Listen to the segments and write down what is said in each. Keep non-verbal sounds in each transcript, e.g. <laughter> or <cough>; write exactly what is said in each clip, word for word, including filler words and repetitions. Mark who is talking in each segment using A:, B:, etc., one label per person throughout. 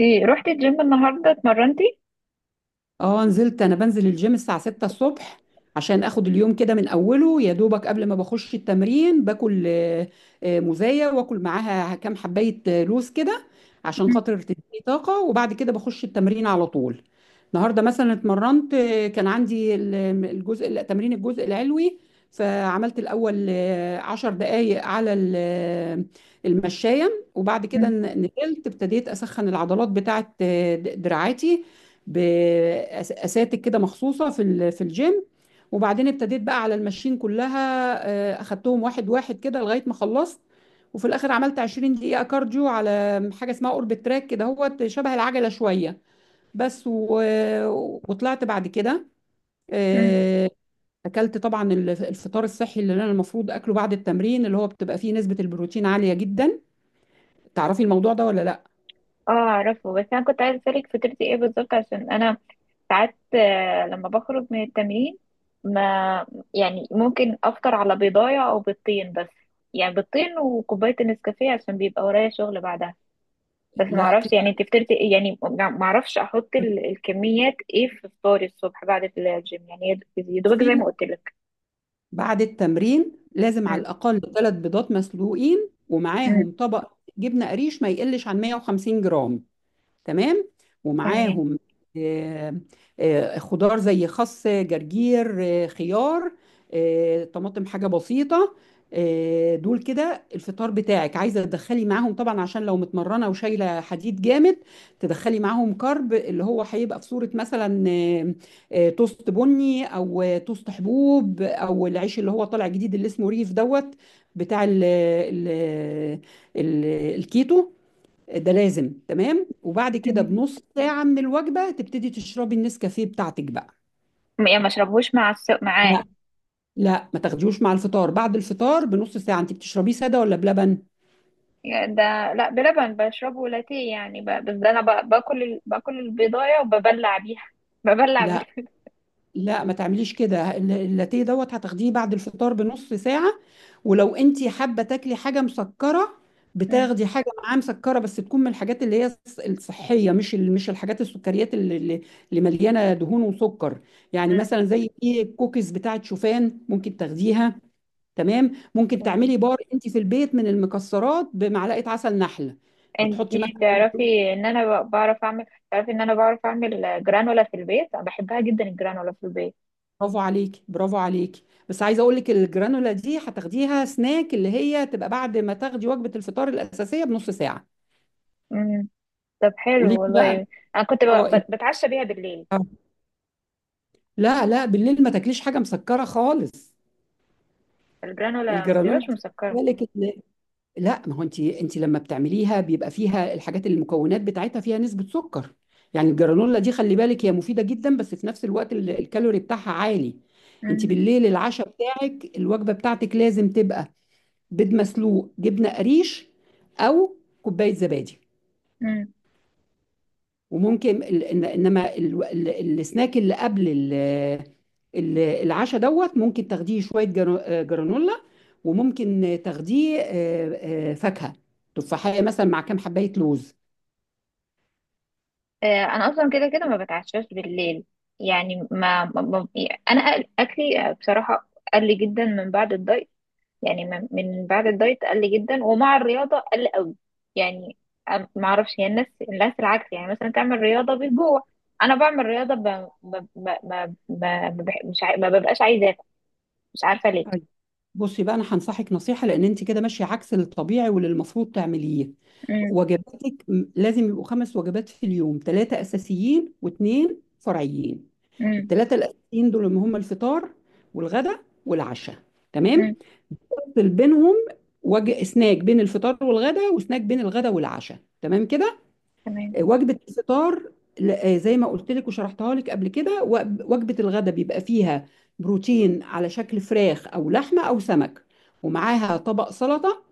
A: اوكي، رحتي الجيم النهارده اتمرنتي؟
B: اه، نزلت. انا بنزل الجيم الساعة ستة الصبح عشان اخد اليوم كده من اوله، يا دوبك. قبل ما بخش التمرين باكل آه، آه، موزاية واكل معاها كام حباية آه، لوز كده عشان
A: مم،
B: خاطر تديني طاقة. وبعد كده بخش التمرين على طول. النهاردة مثلا اتمرنت. آه، كان عندي ال- الجزء لا، تمرين الجزء العلوي. فعملت الأول آه، عشر دقايق على ال- آه، المشاية. وبعد كده
A: مم،
B: ن- نزلت ابتديت أسخن العضلات بتاعت آه، د- دراعاتي بأساتك كده مخصوصة في ال- في الجيم. وبعدين ابتديت بقى على الماشين كلها. آه، اخدتهم واحد واحد كده لغاية ما خلصت. وفي الاخر عملت 20 دقيقة كارديو على حاجة اسمها اوربت تراك كده، هو شبه العجلة شوية بس. و... وطلعت بعد كده.
A: مم.
B: آه، اكلت طبعا الف- الفطار الصحي اللي انا المفروض اكله بعد التمرين، اللي هو بتبقى فيه نسبة البروتين عالية جدا. تعرفي الموضوع ده ولا لا؟
A: اه، اعرفه، بس انا كنت عايزه اسالك فطرتي ايه بالظبط، عشان انا ساعات آه، لما بخرج من التمرين، ما، يعني ممكن افطر على بيضايه او بيضتين، بس. يعني بيضتين وكوبايه النسكافيه، عشان بيبقى ورايا شغل بعدها. بس ما
B: لا
A: اعرفش،
B: كده.
A: يعني انت فطرتي ايه؟ يعني ما اعرفش احط ال- الكميات ايه في فطاري الصبح بعد الجيم، يعني يا يا دوبك زي ما قلت لك.
B: بعد التمرين لازم على
A: مم،
B: الأقل ثلاث بيضات مسلوقين،
A: مم.
B: ومعاهم طبق جبنة قريش ما يقلش عن مية وخمسين جرام، تمام.
A: تمام،
B: ومعاهم آه، آه، خضار زي خس، جرجير، آه، خيار، آه، طماطم، حاجة بسيطة. آه، دول كده الفطار بتاعك. عايزة تدخلي معاهم طبعا، عشان لو متمرنة وشايلة حديد جامد تدخلي معاهم كارب، اللي هو هيبقى في صورة مثلا آه، آه، توست بني، او آه، توست حبوب، او العيش اللي هو طالع جديد اللي اسمه ريف دوت، بتاع ال ال ال الكيتو ده، لازم. تمام. وبعد كده
A: تمام.
B: بنص ساعة من الوجبة تبتدي تشربي النسكافيه بتاعتك بقى.
A: يعني ما اشربهوش مع الس... معاه؟
B: لا، لا ما تاخديهوش مع الفطار. بعد الفطار بنص ساعة. انت بتشربيه سادة ولا بلبن؟
A: يعني ده لا، بلبن، بشربه لاتيه. يعني ب... بس ده انا ب... باكل ال... باكل البيضايه وببلع بيها <laughs> ببلع
B: لا،
A: بال...
B: لا ما تعمليش كده. الل- اللاتيه دوت هتاخديه بعد الفطار بنص ساعة. ولو انت حابة تاكلي حاجة مسكرة
A: مم.
B: بتاخدي حاجة معاه مسكرة، بس تكون من الحاجات اللي هي الص- الصحية، مش ال- مش الحاجات السكريات اللي, اللي اللي مليانة دهون وسكر. يعني
A: مم.
B: مثلا زي في الكوكيز بتاعت شوفان، ممكن تاخديها. تمام. ممكن
A: تمام.
B: تعملي بار انت في البيت من المكسرات بمعلقه عسل نحل. بتحطي
A: انتي
B: مثلا.
A: تعرفي ان انا ب- بعرف اعمل تعرفي ان انا بعرف اعمل جرانولا في البيت، انا بحبها جدا الجرانولا في البيت.
B: برافو عليكي، برافو عليكي. بس عايزه اقول لك الجرانولا دي هتاخديها سناك، اللي هي تبقى بعد ما تاخدي وجبه الفطار الاساسيه بنص ساعه.
A: مم. طب،
B: قولي
A: حلو
B: لي بقى.
A: والله. انا كنت ب...
B: اه
A: ب-
B: انت.
A: بتعشى بيها بالليل.
B: آه، لا، لا بالليل ما تاكليش حاجه مسكره خالص.
A: الجرانولا ما
B: الجرانولا
A: بتبقاش
B: دي
A: مسكره.
B: خلي بالك. لا، ما هو انت انت لما بتعمليها بيبقى فيها الحاجات، اللي المكونات بتاعتها فيها نسبة سكر. يعني الجرانولا دي خلي بالك، هي مفيدة جدا بس في نفس الوقت ال- الكالوري بتاعها عالي. انت
A: مم.
B: بالليل العشاء بتاعك الوجبة بتاعتك لازم تبقى بيض مسلوق، جبنة قريش، او كوباية زبادي.
A: مم.
B: وممكن ال- إن- انما ال- ال- السناك اللي قبل ال- ال- العشاء دوت ممكن تاخديه شويه جرا- آه، جرانولا. وممكن تاخديه آه، آه، فاكهه، تفاحيه مثلا مع كام حبايه لوز.
A: آه، انا اصلا كده كده ما بتعشاش بالليل. يعني، ما, ما... ما... يعني انا أكل- اكلي بصراحه، قل جدا من بعد الدايت. يعني من من بعد الدايت قل جدا، ومع الرياضة قل قوي. يعني، أم- ما اعرفش، هي الناس الناس العكس، يعني مثلا تعمل رياضة بالجوع. انا بعمل رياضة، ب... ب... ب... ب... ب... ب... مش ع... ما ببقاش عايزة اكل، مش عارفة ليه.
B: طيب بصي بقى، انا هنصحك نصيحه لان انت كده ماشيه عكس الطبيعي واللي المفروض تعمليه.
A: امم.
B: وجباتك م- لازم يبقوا خمس وجبات في اليوم، ثلاثه اساسيين واثنين فرعيين.
A: امم.
B: الثلاثه الاساسيين دول هم الفطار والغداء والعشاء،
A: امم.
B: تمام. فاصل بينهم وجه سناك بين الفطار والغداء، وسناك بين الغداء والعشاء، تمام كده.
A: تمام.
B: وجبة الفطار ل- آه، زي ما قلت لك وشرحتها لك قبل كده. وجب- وجبة الغداء بيبقى فيها بروتين على شكل فراخ أو لحمة أو سمك، ومعاها طبق سلطة.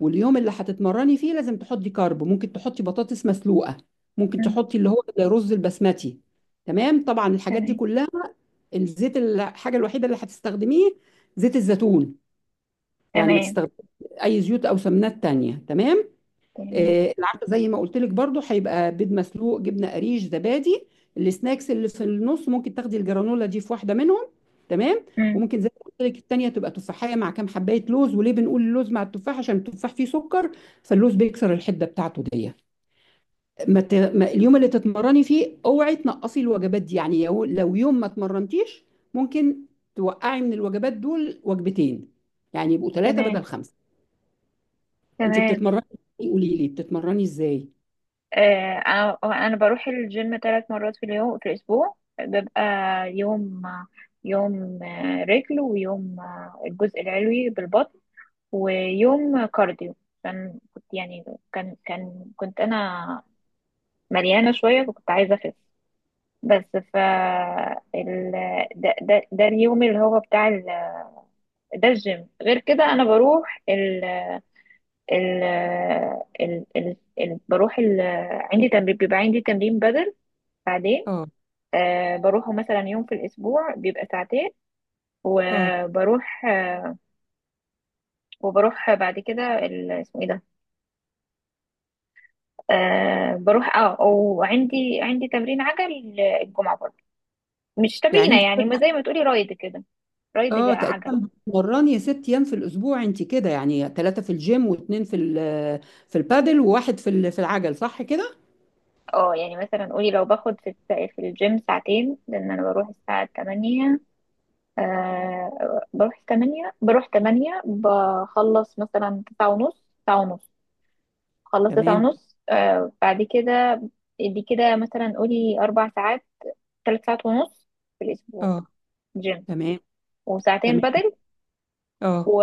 B: واليوم اللي هتتمرني فيه لازم تحطي كارب. ممكن تحطي بطاطس مسلوقة، ممكن
A: امم.
B: تحطي اللي هو الرز البسمتي، تمام. طبعا الحاجات دي
A: تمام،
B: كلها، الزيت الحاجة الوحيدة اللي هتستخدميه زيت الزيتون. يعني ما
A: تمام،
B: تستخدميش اي زيوت او سمنات تانية، تمام.
A: تمام.
B: آه، العشاء زي ما قلت لك برضو هيبقى بيض مسلوق، جبنه قريش، زبادي. السناكس اللي في النص ممكن تاخدي الجرانولا دي في واحده منهم، تمام.
A: امم.
B: وممكن زي ما قلت لك التانية تبقى تفاحيه مع كام حبايه لوز. وليه بنقول اللوز مع التفاح؟ عشان التفاح فيه سكر، فاللوز بيكسر الحده بتاعته دي. ما ت... ما اليوم اللي تتمرني فيه اوعي تنقصي الوجبات دي. يعني يو- لو يوم ما اتمرنتيش ممكن توقعي من الوجبات دول وجبتين، يعني يبقوا ثلاثه
A: تمام،
B: بدل خمسه. انت
A: تمام.
B: بتتمرني؟ قولي لي بتتمرني ازاي.
A: آه انا انا بروح الجيم ثلاث مرات في اليوم في الاسبوع، ببقى يوم، يوم آه، رجل، ويوم آه، الجزء العلوي بالبطن، ويوم كارديو. عشان كنت، يعني، كان كان كنت انا مليانه شويه، فكنت عايزه اخس. بس ف ال... ده, ده, ده اليوم اللي هو بتاع ال... ده الجيم. غير كده انا بروح، ال... ال... ال... ال... ال... بروح ال... عندي تمرين بيبقى عندي تمرين بدل بعدين.
B: اه.
A: آه بروحه مثلا يوم في الاسبوع، بيبقى ساعتين.
B: اه
A: وبروح آه وبروح بعد كده، ال... اسمه ايه ده؟ آه بروح اه وعندي عندي تمرين عجل الجمعة برضه. مش
B: يعني
A: تمرينة
B: انت
A: يعني، ما
B: بت-
A: زي ما تقولي رايد كده، رايد جا-
B: اه
A: عجل.
B: تقريبا بتتمرني ست ايام في الاسبوع انت كده. يعني ثلاثه في الجيم، واثنين في ال- في البادل، وواحد في ال- في العجل، صح كده؟
A: اه، يعني مثلا قولي لو باخد في الس- في الجيم ساعتين، لان انا بروح الساعة ثمانية. آه بروح تمانية، بروح تمانية، بخلص مثلا تسعة ونص، تسعة ونص، خلصت تسعة
B: تمام.
A: ونص آه بعد كده. دي كده مثلا قولي اربع ساعات، ثلاث ساعات ونص في الاسبوع
B: اه.
A: جيم،
B: تمام.
A: وساعتين
B: تمام.
A: بدل،
B: اه
A: و...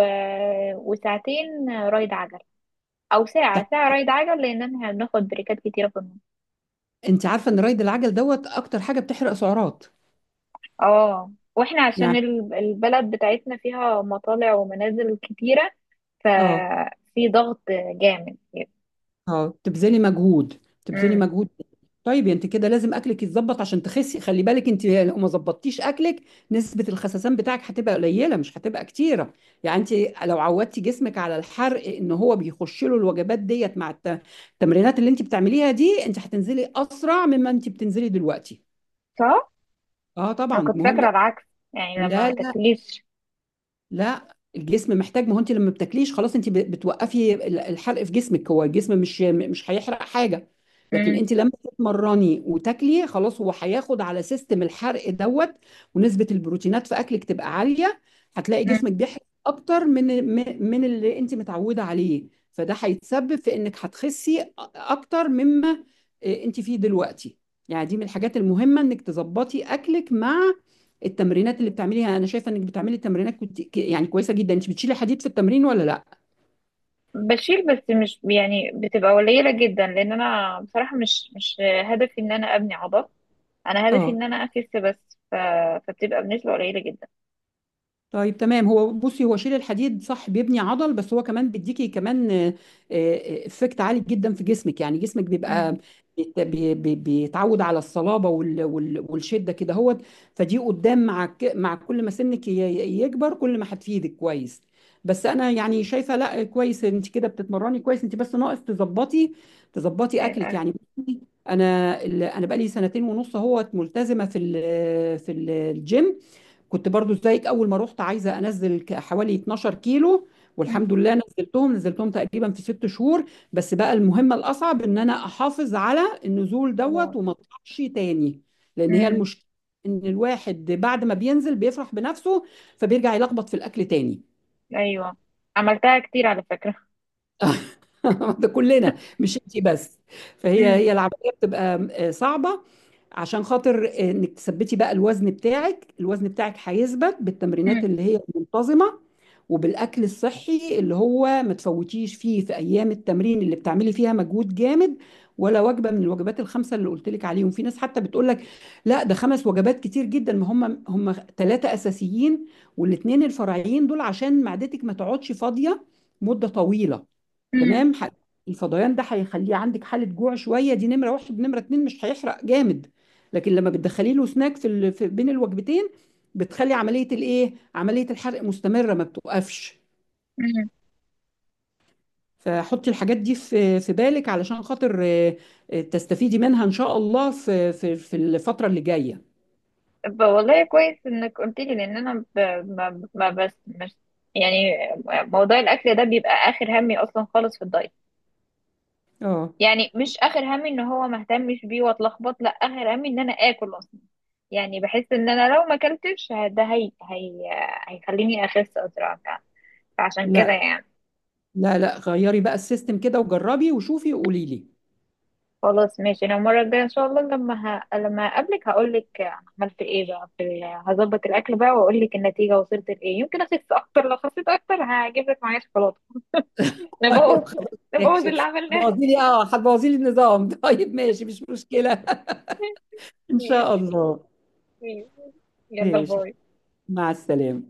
A: وساعتين رايد عجل، او
B: ده.
A: ساعة ساعة رايد عجل، لان احنا بناخد بريكات كتيرة في النص.
B: انت عارفه ان رايد العجل دوت اكتر حاجه بتحرق سعرات؟
A: اه، واحنا عشان
B: يعني.
A: ال- البلد بتاعتنا فيها مطالع ومنازل كتيرة،
B: اه.
A: ففي ضغط جامد.
B: اه تبذلي مجهود، تبذلي
A: امم.
B: مجهود. طيب يعني انت كده لازم اكلك يتظبط عشان تخسي. خلي بالك، انت لو ما ظبطتيش اكلك نسبة الخسسان بتاعك هتبقى قليلة، مش هتبقى كتيرة. يعني انت لو عودتي جسمك على الحرق ان هو بيخش له الوجبات ديت مع الت- التمرينات اللي انت بتعمليها دي، انت هتنزلي اسرع مما انت بتنزلي دلوقتي.
A: صح،
B: اه
A: انا
B: طبعا
A: كنت
B: مهم.
A: فاكرة العكس، يعني لما ما
B: لا،
A: تاكليش.
B: لا الجسم محتاج. ما هو انت لما بتاكليش خلاص انت ب- بتوقفي ال- الحرق في جسمك. هو الجسم مش مش هيحرق حاجه. لكن
A: امم.
B: انت لما تتمرني وتاكلي خلاص هو هياخد على سيستم الحرق دوت، ونسبه البروتينات في اكلك تبقى عاليه، هتلاقي جسمك
A: أمم.
B: بيحرق اكتر من م- من اللي انت متعوده عليه. فده هيتسبب في انك هتخسي أ- اكتر مما آه، انت فيه دلوقتي. يعني دي من الحاجات المهمه انك تظبطي اكلك مع التمرينات اللي بتعمليها. انا شايفه انك بتعملي تمرينات كت... ك- يعني كويسه جدا. انت بتشيلي حديد في التمرين ولا لا؟
A: بشيل، بس مش يعني بتبقى قليلة جدا، لان انا بصراحة مش مش هدفي ان انا ابني عضل. انا هدفي
B: اه.
A: ان انا اخس بس، ف... فبتبقى بنسبة قليلة جدا.
B: طيب تمام. هو بصي، هو شيل الحديد صح بيبني عضل، بس هو كمان بيديكي كمان آه، آه، افكت عالي جدا في جسمك. يعني جسمك بيبقى بيت- بي- بي- بيتعود على الصلابة وال- وال- والشدة كده، هو فدي قدام مع ك- مع كل ما سنك ي- ي- يكبر كل ما هتفيدك كويس. بس انا يعني شايفة، لا كويس انت كده بتتمرني كويس، انت بس ناقص تظبطي تظبطي اكلك
A: الأكل.
B: يعني. انا ال- انا بقالي سنتين ونص اهوت ملتزمة في ال- في الجيم. كنت برضو زيك اول ما رحت، عايزه انزل ك- حوالي اتناشر كيلو. والحمد
A: مم.
B: لله نزلتهم. نزلتهم تقريبا في ست شهور. بس بقى المهمه الاصعب ان انا احافظ على النزول دوت،
A: خلاص.
B: وما اطلعش تاني. لان هي
A: مم.
B: المشكله ان الواحد بعد ما بينزل بيفرح بنفسه فبيرجع يلخبط في الاكل تاني.
A: أيوة، عملتها كتير على فكرة.
B: <laughs> ده كلنا مش انت بس. فهي
A: مم.
B: هي العمليه بتبقى آه، صعبه عشان خاطر آه، انك تثبتي بقى الوزن بتاعك. الوزن بتاعك هيثبت بالتمرينات
A: مم.
B: اللي هي منتظمه، وبالاكل الصحي اللي هو ما تفوتيش فيه في ايام التمرين اللي بتعملي فيها مجهود جامد. ولا وجبه من الوجبات الخمسه اللي قلت لك عليهم. في ناس حتى بتقول لك لا ده خمس وجبات كتير جدا. ما هم هم ثلاثه اساسيين، والاثنين الفرعيين دول عشان معدتك ما تقعدش فاضيه مده طويله،
A: مم.
B: تمام. ح- الفضيان ده هيخليه عندك حالة جوع شوية، دي نمرة واحد. نمرة اتنين مش هيحرق جامد. لكن لما بتدخلي له سناك في, ال... في بين الوجبتين بتخلي عملية الايه، عملية الحرق مستمرة ما بتوقفش.
A: مم.
B: فحطي الحاجات دي في في بالك، علشان خاطر آه، آه، تستفيدي منها ان شاء الله في في في الفترة اللي جاية.
A: ب- والله كويس إنك قلت لي، لأن أنا ب... ما... ما بس مش يعني. موضوع الأكل ده بيبقى آخر همي أصلا خالص في الدايت.
B: اه.
A: يعني مش آخر همي إن هو ما اهتمش بيه وأتلخبط، لا، آخر همي إن أنا آكل أصلا. يعني بحس إن أنا لو ما أكلتش ده هي... هي... هيخليني أخس أسرع. فعشان
B: لا،
A: كده يعني.
B: لا لا غيري بقى السيستم كده وجربي وشوفي وقولي لي.
A: خلاص، ماشي. انا المره الجايه ان شاء الله لما ه... لما اقابلك، هقول لك عملت ايه بقى في ال... هظبط الاكل بقى، واقول لك النتيجه وصلت لايه. يمكن اخس اكتر، لو خسيت اكتر هجيب لك معايا شوكولاته.
B: <laughs>
A: نبوظ
B: طيب خلاص
A: <laughs> نبوظ
B: ماشي.
A: اللي عملناه.
B: هتبوظي لي، اه هتبوظي لي النظام. <laughs> طيب ماشي مش مشكلة. إن شاء
A: <laughs>
B: الله.
A: يلا،
B: ماشي.
A: باي.
B: مع السلامة.